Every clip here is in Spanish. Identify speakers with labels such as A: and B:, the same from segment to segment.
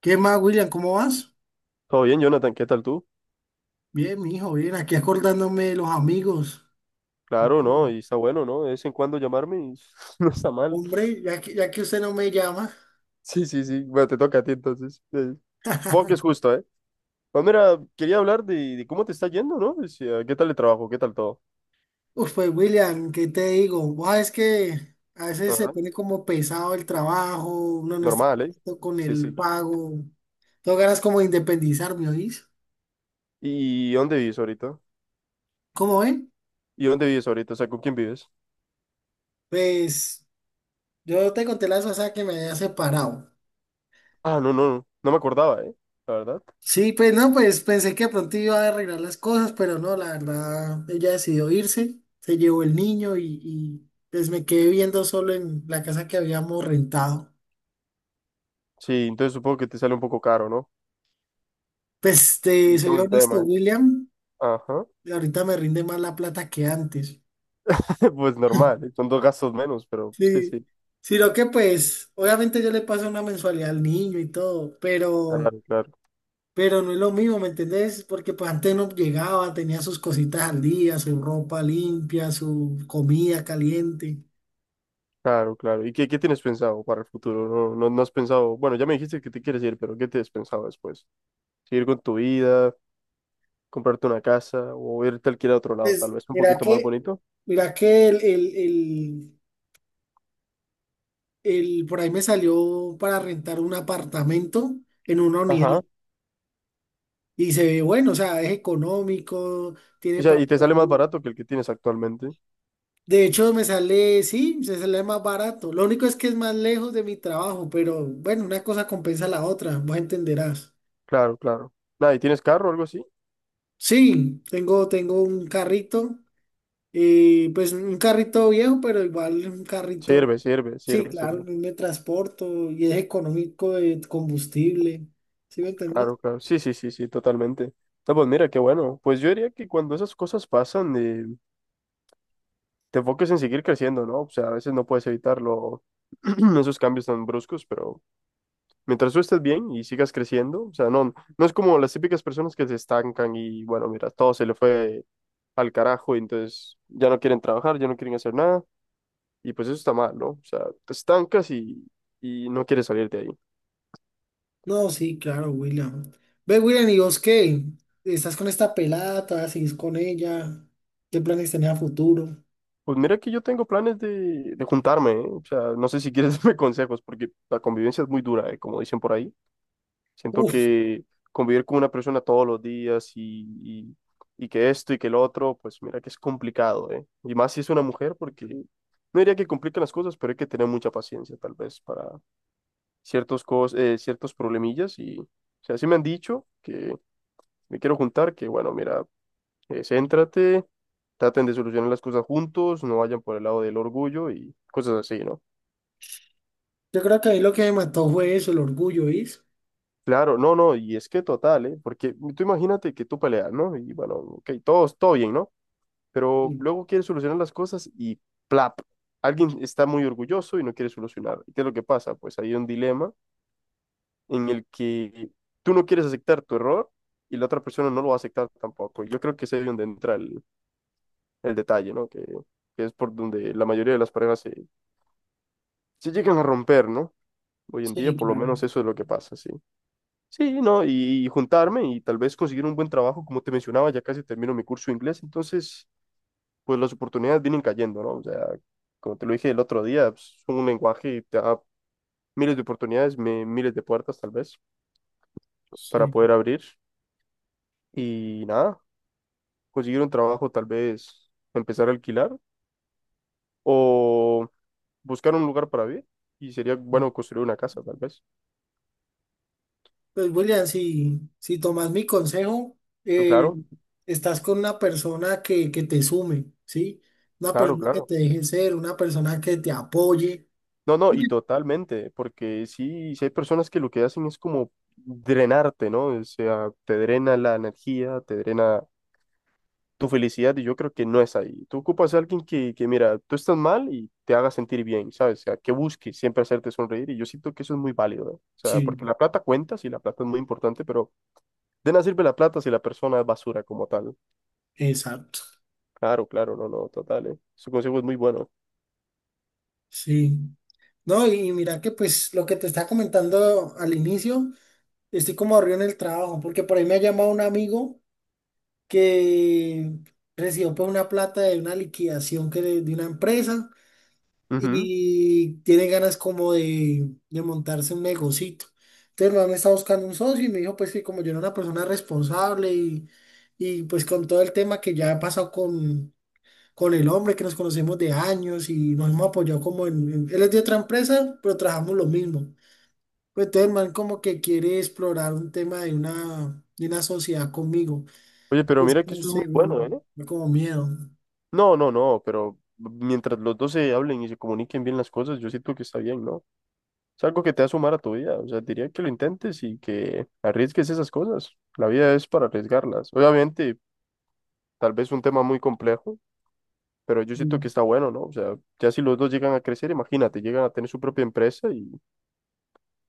A: ¿Qué más, William? ¿Cómo vas?
B: Todo bien, Jonathan, ¿qué tal tú?
A: Bien, mijo, bien. Aquí acordándome de los amigos. Y
B: Claro,
A: que,
B: ¿no? Y está bueno, ¿no? De vez en cuando llamarme y no está mal.
A: Hombre, ya que usted no me llama.
B: Sí, sí, sí. Bueno, te toca a ti entonces. Supongo que es justo, ¿eh? Pues mira, quería hablar de cómo te está yendo, ¿no? Decía, ¿qué tal el trabajo? ¿Qué tal todo?
A: Uf, pues, William, ¿qué te digo? Buah, es que a veces se
B: Ajá.
A: pone como pesado el trabajo, uno no está
B: Normal, ¿eh?
A: contento con
B: Sí,
A: el
B: sí.
A: pago. Tengo ganas como de independizarme, ¿oís?
B: ¿Y dónde vives ahorita?
A: ¿Cómo ven?
B: ¿Y dónde vives ahorita? O sea, ¿con quién vives?
A: Pues, yo te conté la vez pasada que me había separado.
B: Ah, no, no, no. No me acordaba, ¿eh? La verdad.
A: Sí, pues no, pues pensé que de pronto iba a arreglar las cosas, pero no, la verdad, ella decidió irse, se llevó el niño pues me quedé viviendo solo en la casa que habíamos rentado.
B: Sí, entonces supongo que te sale un poco caro, ¿no?
A: Pues te
B: Y
A: soy
B: todo el
A: honesto,
B: tema, ¿eh?
A: William,
B: Ajá.
A: ahorita me rinde más la plata que antes.
B: Pues normal, ¿eh? Son dos gastos menos, pero sí,
A: Sí,
B: sí.
A: sino que pues, obviamente yo le paso una mensualidad al niño y todo,
B: Claro, claro.
A: pero no es lo mismo, ¿me entendés? Porque pues antes no llegaba, tenía sus cositas al día, su ropa limpia, su comida caliente.
B: Claro, claro. ¿Y qué, qué tienes pensado para el futuro? No, no, no has pensado, bueno, ya me dijiste que te quieres ir, pero ¿qué te has pensado después? ¿Seguir con tu vida, comprarte una casa o irte a alquilar a otro lado, tal
A: Pues
B: vez un
A: mira
B: poquito más
A: que,
B: bonito?
A: mira que por ahí me salió para rentar un apartamento en una unidad
B: Ajá.
A: y se ve bueno, o sea, es económico,
B: O
A: tiene
B: sea,
A: para…
B: y te sale más barato que el que tienes actualmente.
A: De hecho, me sale, sí, se sale más barato. Lo único es que es más lejos de mi trabajo, pero bueno, una cosa compensa la otra, vos entenderás.
B: Claro, claro. Nada, ¿y tienes carro o algo así?
A: Sí, tengo un carrito. Y pues un carrito viejo, pero igual un carrito,
B: Sirve, sirve,
A: sí,
B: sirve,
A: claro,
B: sirve.
A: me transporto y es económico de combustible. ¿Sí me entendés?
B: Claro, claro. Sí, sí, sí, sí, totalmente. No, pues mira, qué bueno. Pues yo diría que cuando esas cosas pasan, te enfoques en seguir creciendo, ¿no? O sea, a veces no puedes evitarlo, esos cambios tan bruscos, pero... Mientras tú estés bien y sigas creciendo, o sea, no, no es como las típicas personas que se estancan y bueno, mira, todo se le fue al carajo y entonces ya no quieren trabajar, ya no quieren hacer nada y pues eso está mal, ¿no? O sea, te estancas y no quieres salir de ahí.
A: No, sí, claro, William. Ve, William, ¿y vos qué? ¿Estás con esta pelada? ¿Todavía seguís con ella? ¿Qué planes tenés a futuro?
B: Pues mira que yo tengo planes de juntarme, ¿eh? O sea, no sé si quieres darme consejos porque la convivencia es muy dura, ¿eh? Como dicen por ahí. Siento
A: Uf,
B: que convivir con una persona todos los días y que esto y que el otro, pues mira que es complicado, ¿eh? Y más si es una mujer, porque no diría que complican las cosas, pero hay que tener mucha paciencia tal vez para ciertos problemillas. Y, o sea, sí me han dicho que me quiero juntar, que bueno, mira, céntrate, traten de solucionar las cosas juntos, no vayan por el lado del orgullo y cosas así, ¿no?
A: yo creo que ahí lo que me mató fue eso, el orgullo, ¿viste?
B: Claro, no, no, y es que total, ¿eh? Porque tú imagínate que tú peleas, ¿no? Y bueno, ok, todos, todo bien, ¿no? Pero
A: Sí,
B: luego quiere solucionar las cosas y plap, alguien está muy orgulloso y no quiere solucionar. ¿Y qué es lo que pasa? Pues hay un dilema en el que tú no quieres aceptar tu error y la otra persona no lo va a aceptar tampoco. Yo creo que es ahí donde entra el detalle, ¿no? Que es por donde la mayoría de las parejas se llegan a romper, ¿no? Hoy en día,
A: sí,
B: por lo
A: claro.
B: menos eso es lo que pasa, sí. Sí, ¿no? Y juntarme y tal vez conseguir un buen trabajo, como te mencionaba, ya casi termino mi curso de inglés, entonces... pues las oportunidades vienen cayendo, ¿no? O sea, como te lo dije el otro día, pues, es un lenguaje y te da miles de oportunidades, miles de puertas tal vez para
A: Sí.
B: poder abrir y nada, conseguir un trabajo tal vez, empezar a alquilar o buscar un lugar para vivir y sería bueno construir una casa tal vez.
A: Pues William, si tomas mi consejo, eh,
B: Claro,
A: estás con una persona que te sume, ¿sí? Una
B: claro,
A: persona que
B: claro.
A: te deje ser, una persona que te apoye.
B: No, no, y totalmente, porque sí, sí hay personas que lo que hacen es como drenarte, ¿no? O sea, te drena la energía, te drena tu felicidad y yo creo que no es ahí. Tú ocupas a alguien mira, tú estás mal y te haga sentir bien, ¿sabes? O sea, que busque siempre hacerte sonreír y yo siento que eso es muy válido, ¿eh? O sea,
A: Sí,
B: porque la plata cuenta, sí, la plata es muy importante, pero de nada sirve la plata si la persona es basura como tal.
A: exacto.
B: Claro, claro, no, no, total, ¿eh? Su consejo es muy bueno.
A: Sí. No, y mira que pues lo que te estaba comentando al inicio, estoy como aburrido en el trabajo, porque por ahí me ha llamado un amigo que recibió pues una plata de una liquidación de una empresa.
B: Ujú.
A: Y tiene ganas como de montarse un negocito. Entonces, mamá me está buscando un socio y me dijo, pues que como yo era una persona responsable y pues con todo el tema que ya ha pasado con el hombre, que nos conocemos de años y nos hemos apoyado como él es de otra empresa, pero trabajamos lo mismo. Pues entonces, el man como que quiere explorar un tema de de una sociedad conmigo.
B: Oye, pero
A: Es
B: mira que
A: no
B: eso es muy
A: sé,
B: bueno, ¿eh?
A: como miedo.
B: No, no, no, pero mientras los dos se hablen y se comuniquen bien las cosas, yo siento que está bien, ¿no? Es algo que te va a sumar a tu vida. O sea, diría que lo intentes y que arriesgues esas cosas. La vida es para arriesgarlas. Obviamente, tal vez un tema muy complejo, pero yo siento que
A: Mm.
B: está bueno, ¿no? O sea, ya si los dos llegan a crecer, imagínate, llegan a tener su propia empresa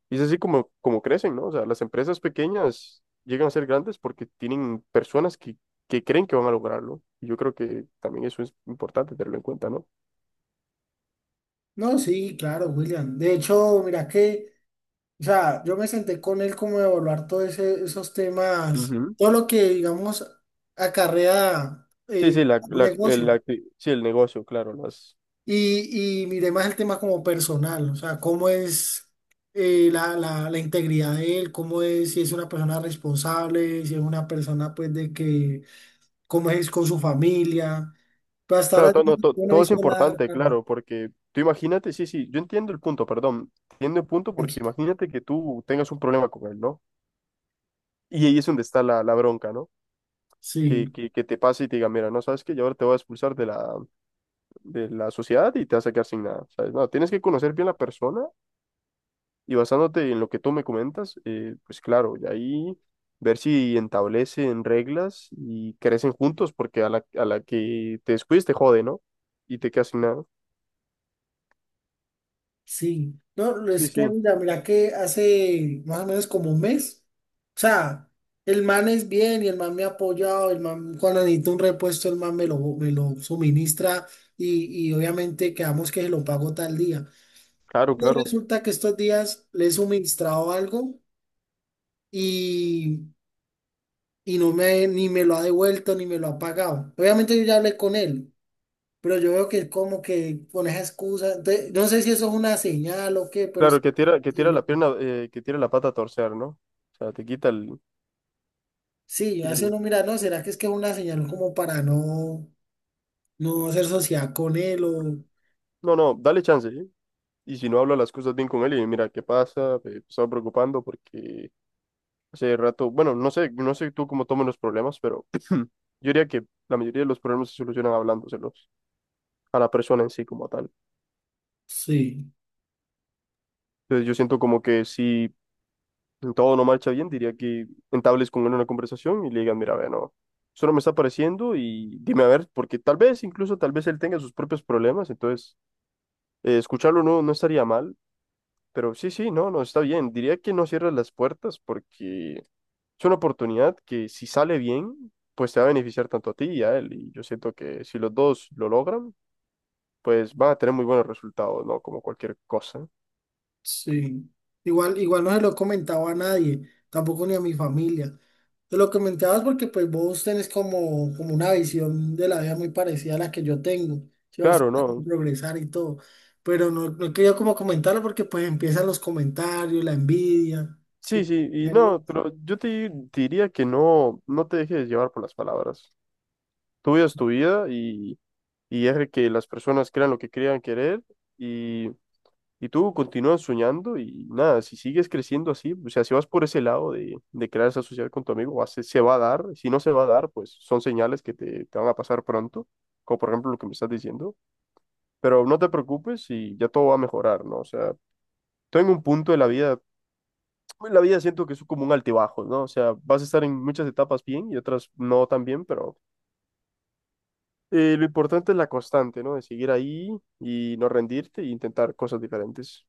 B: y es así como, como crecen, ¿no? O sea, las empresas pequeñas llegan a ser grandes porque tienen personas que creen que van a lograrlo. Y yo creo que también eso es importante tenerlo en cuenta, ¿no?
A: No, sí, claro, William. De hecho, mira que… O sea, yo me senté con él como a evaluar todos esos temas,
B: Ujú.
A: todo lo que, digamos, acarrea
B: Sí, sí, la,
A: un
B: la, el,
A: negocio.
B: la acti- sí, el negocio, claro, las,
A: Y miré más el tema como personal, o sea, cómo es la integridad de él, cómo es, si es una persona responsable, si es una persona, pues, de que, cómo es con su familia. Pero hasta
B: claro,
A: ahora yo
B: todo, no,
A: no he
B: todo es
A: visto nada
B: importante,
A: raro.
B: claro, porque tú imagínate, sí, sí, yo entiendo el punto, perdón, entiendo el punto porque
A: Tranquilo.
B: imagínate que tú tengas un problema con él, ¿no? Y ahí es donde está la bronca, ¿no?
A: Sí.
B: Que te pase y te diga, mira, no sabes que yo ahora te voy a expulsar de la sociedad y te vas a quedar sin nada, ¿sabes? No, tienes que conocer bien la persona y basándote en lo que tú me comentas, pues claro, y ahí ver si establecen reglas y crecen juntos porque a a la que te descuides te jode, ¿no? Y te quedas sin nada.
A: Sí, no,
B: Sí,
A: es que
B: sí,
A: mira, mira que hace más o menos como un mes, o sea, el man es bien y el man me ha apoyado, el man cuando necesito un repuesto, el man me lo suministra y obviamente quedamos que se lo pago tal día.
B: claro,
A: Y
B: claro.
A: resulta que estos días le he suministrado algo y, y no me, ni me lo ha devuelto ni me lo ha pagado. Obviamente yo ya hablé con él, pero yo veo que como que con esa excusa, entonces, no sé si eso es una señal o qué, pero
B: Claro,
A: es…
B: que tira la pierna, que tira la pata a torcer, ¿no? O sea, te quita el...
A: Sí, hace
B: sí.
A: uno mira, no, ¿será que es una señal como para no, no hacer sociedad con él o
B: No, no, dale chance, ¿eh? Y si no habla las cosas bien con él y mira, ¿qué pasa? Me estaba preocupando porque hace rato, bueno, no sé, no sé tú cómo tomas los problemas, pero yo diría que la mayoría de los problemas se solucionan hablándoselos a la persona en sí como tal.
A: sí,
B: Entonces yo siento como que si todo no marcha bien, diría que entables con él una conversación y le digan, mira, ve, no, eso no me está pareciendo y dime a ver, porque tal vez, incluso tal vez él tenga sus propios problemas, entonces escucharlo no, no estaría mal, pero sí, sí, no, no, está bien. Diría que no cierres las puertas porque es una oportunidad que si sale bien, pues te va a beneficiar tanto a ti y a él. Y yo siento que si los dos lo logran, pues van a tener muy buenos resultados, ¿no? Como cualquier cosa.
A: sí. Igual, igual no se lo he comentado a nadie, tampoco ni a mi familia. Te lo comentabas porque pues vos tenés como una visión de la vida muy parecida a la que yo tengo, que vos
B: Claro,
A: tratás de
B: no.
A: progresar y todo. Pero no, no he querido como comentarlo porque pues empiezan los comentarios, la envidia.
B: Sí,
A: que-
B: sí, y no, pero yo te diría que no, no te dejes llevar por las palabras. Tu vida es tu vida y deja que las personas crean lo que crean querer. Y tú continúas soñando y nada, si sigues creciendo así, o sea, si vas por ese lado de crear esa sociedad con tu amigo, se va a dar. Si no se va a dar, pues son señales que te van a pasar pronto, como por ejemplo lo que me estás diciendo. Pero no te preocupes y ya todo va a mejorar, ¿no? O sea, tú en un punto de la vida, en la vida siento que es como un altibajo, ¿no? O sea, vas a estar en muchas etapas bien y otras no tan bien, pero lo importante es la constante, ¿no? De seguir ahí y no rendirte e intentar cosas diferentes.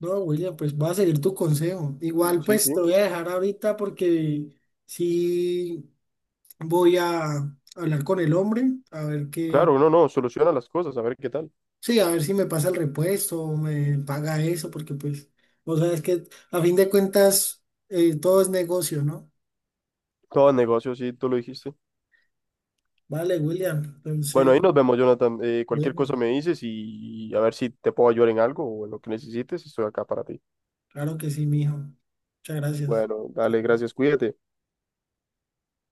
A: No, William, pues voy a seguir tu consejo. Igual
B: Sí, sí.
A: pues te voy a dejar ahorita porque sí voy a hablar con el hombre, a ver qué,
B: Claro, uno no, soluciona las cosas, a ver qué tal.
A: sí, a ver si me pasa el repuesto o me paga eso, porque pues, vos sabes que a fin de cuentas todo es negocio, ¿no?
B: Todo negocio, sí, tú lo dijiste.
A: Vale, William,
B: Bueno,
A: entonces,
B: ahí nos vemos, Jonathan. Cualquier
A: bueno,
B: cosa me dices y a ver si te puedo ayudar en algo o en lo que necesites, estoy acá para ti.
A: claro que sí, mijo. Muchas gracias.
B: Bueno, dale, gracias, cuídate.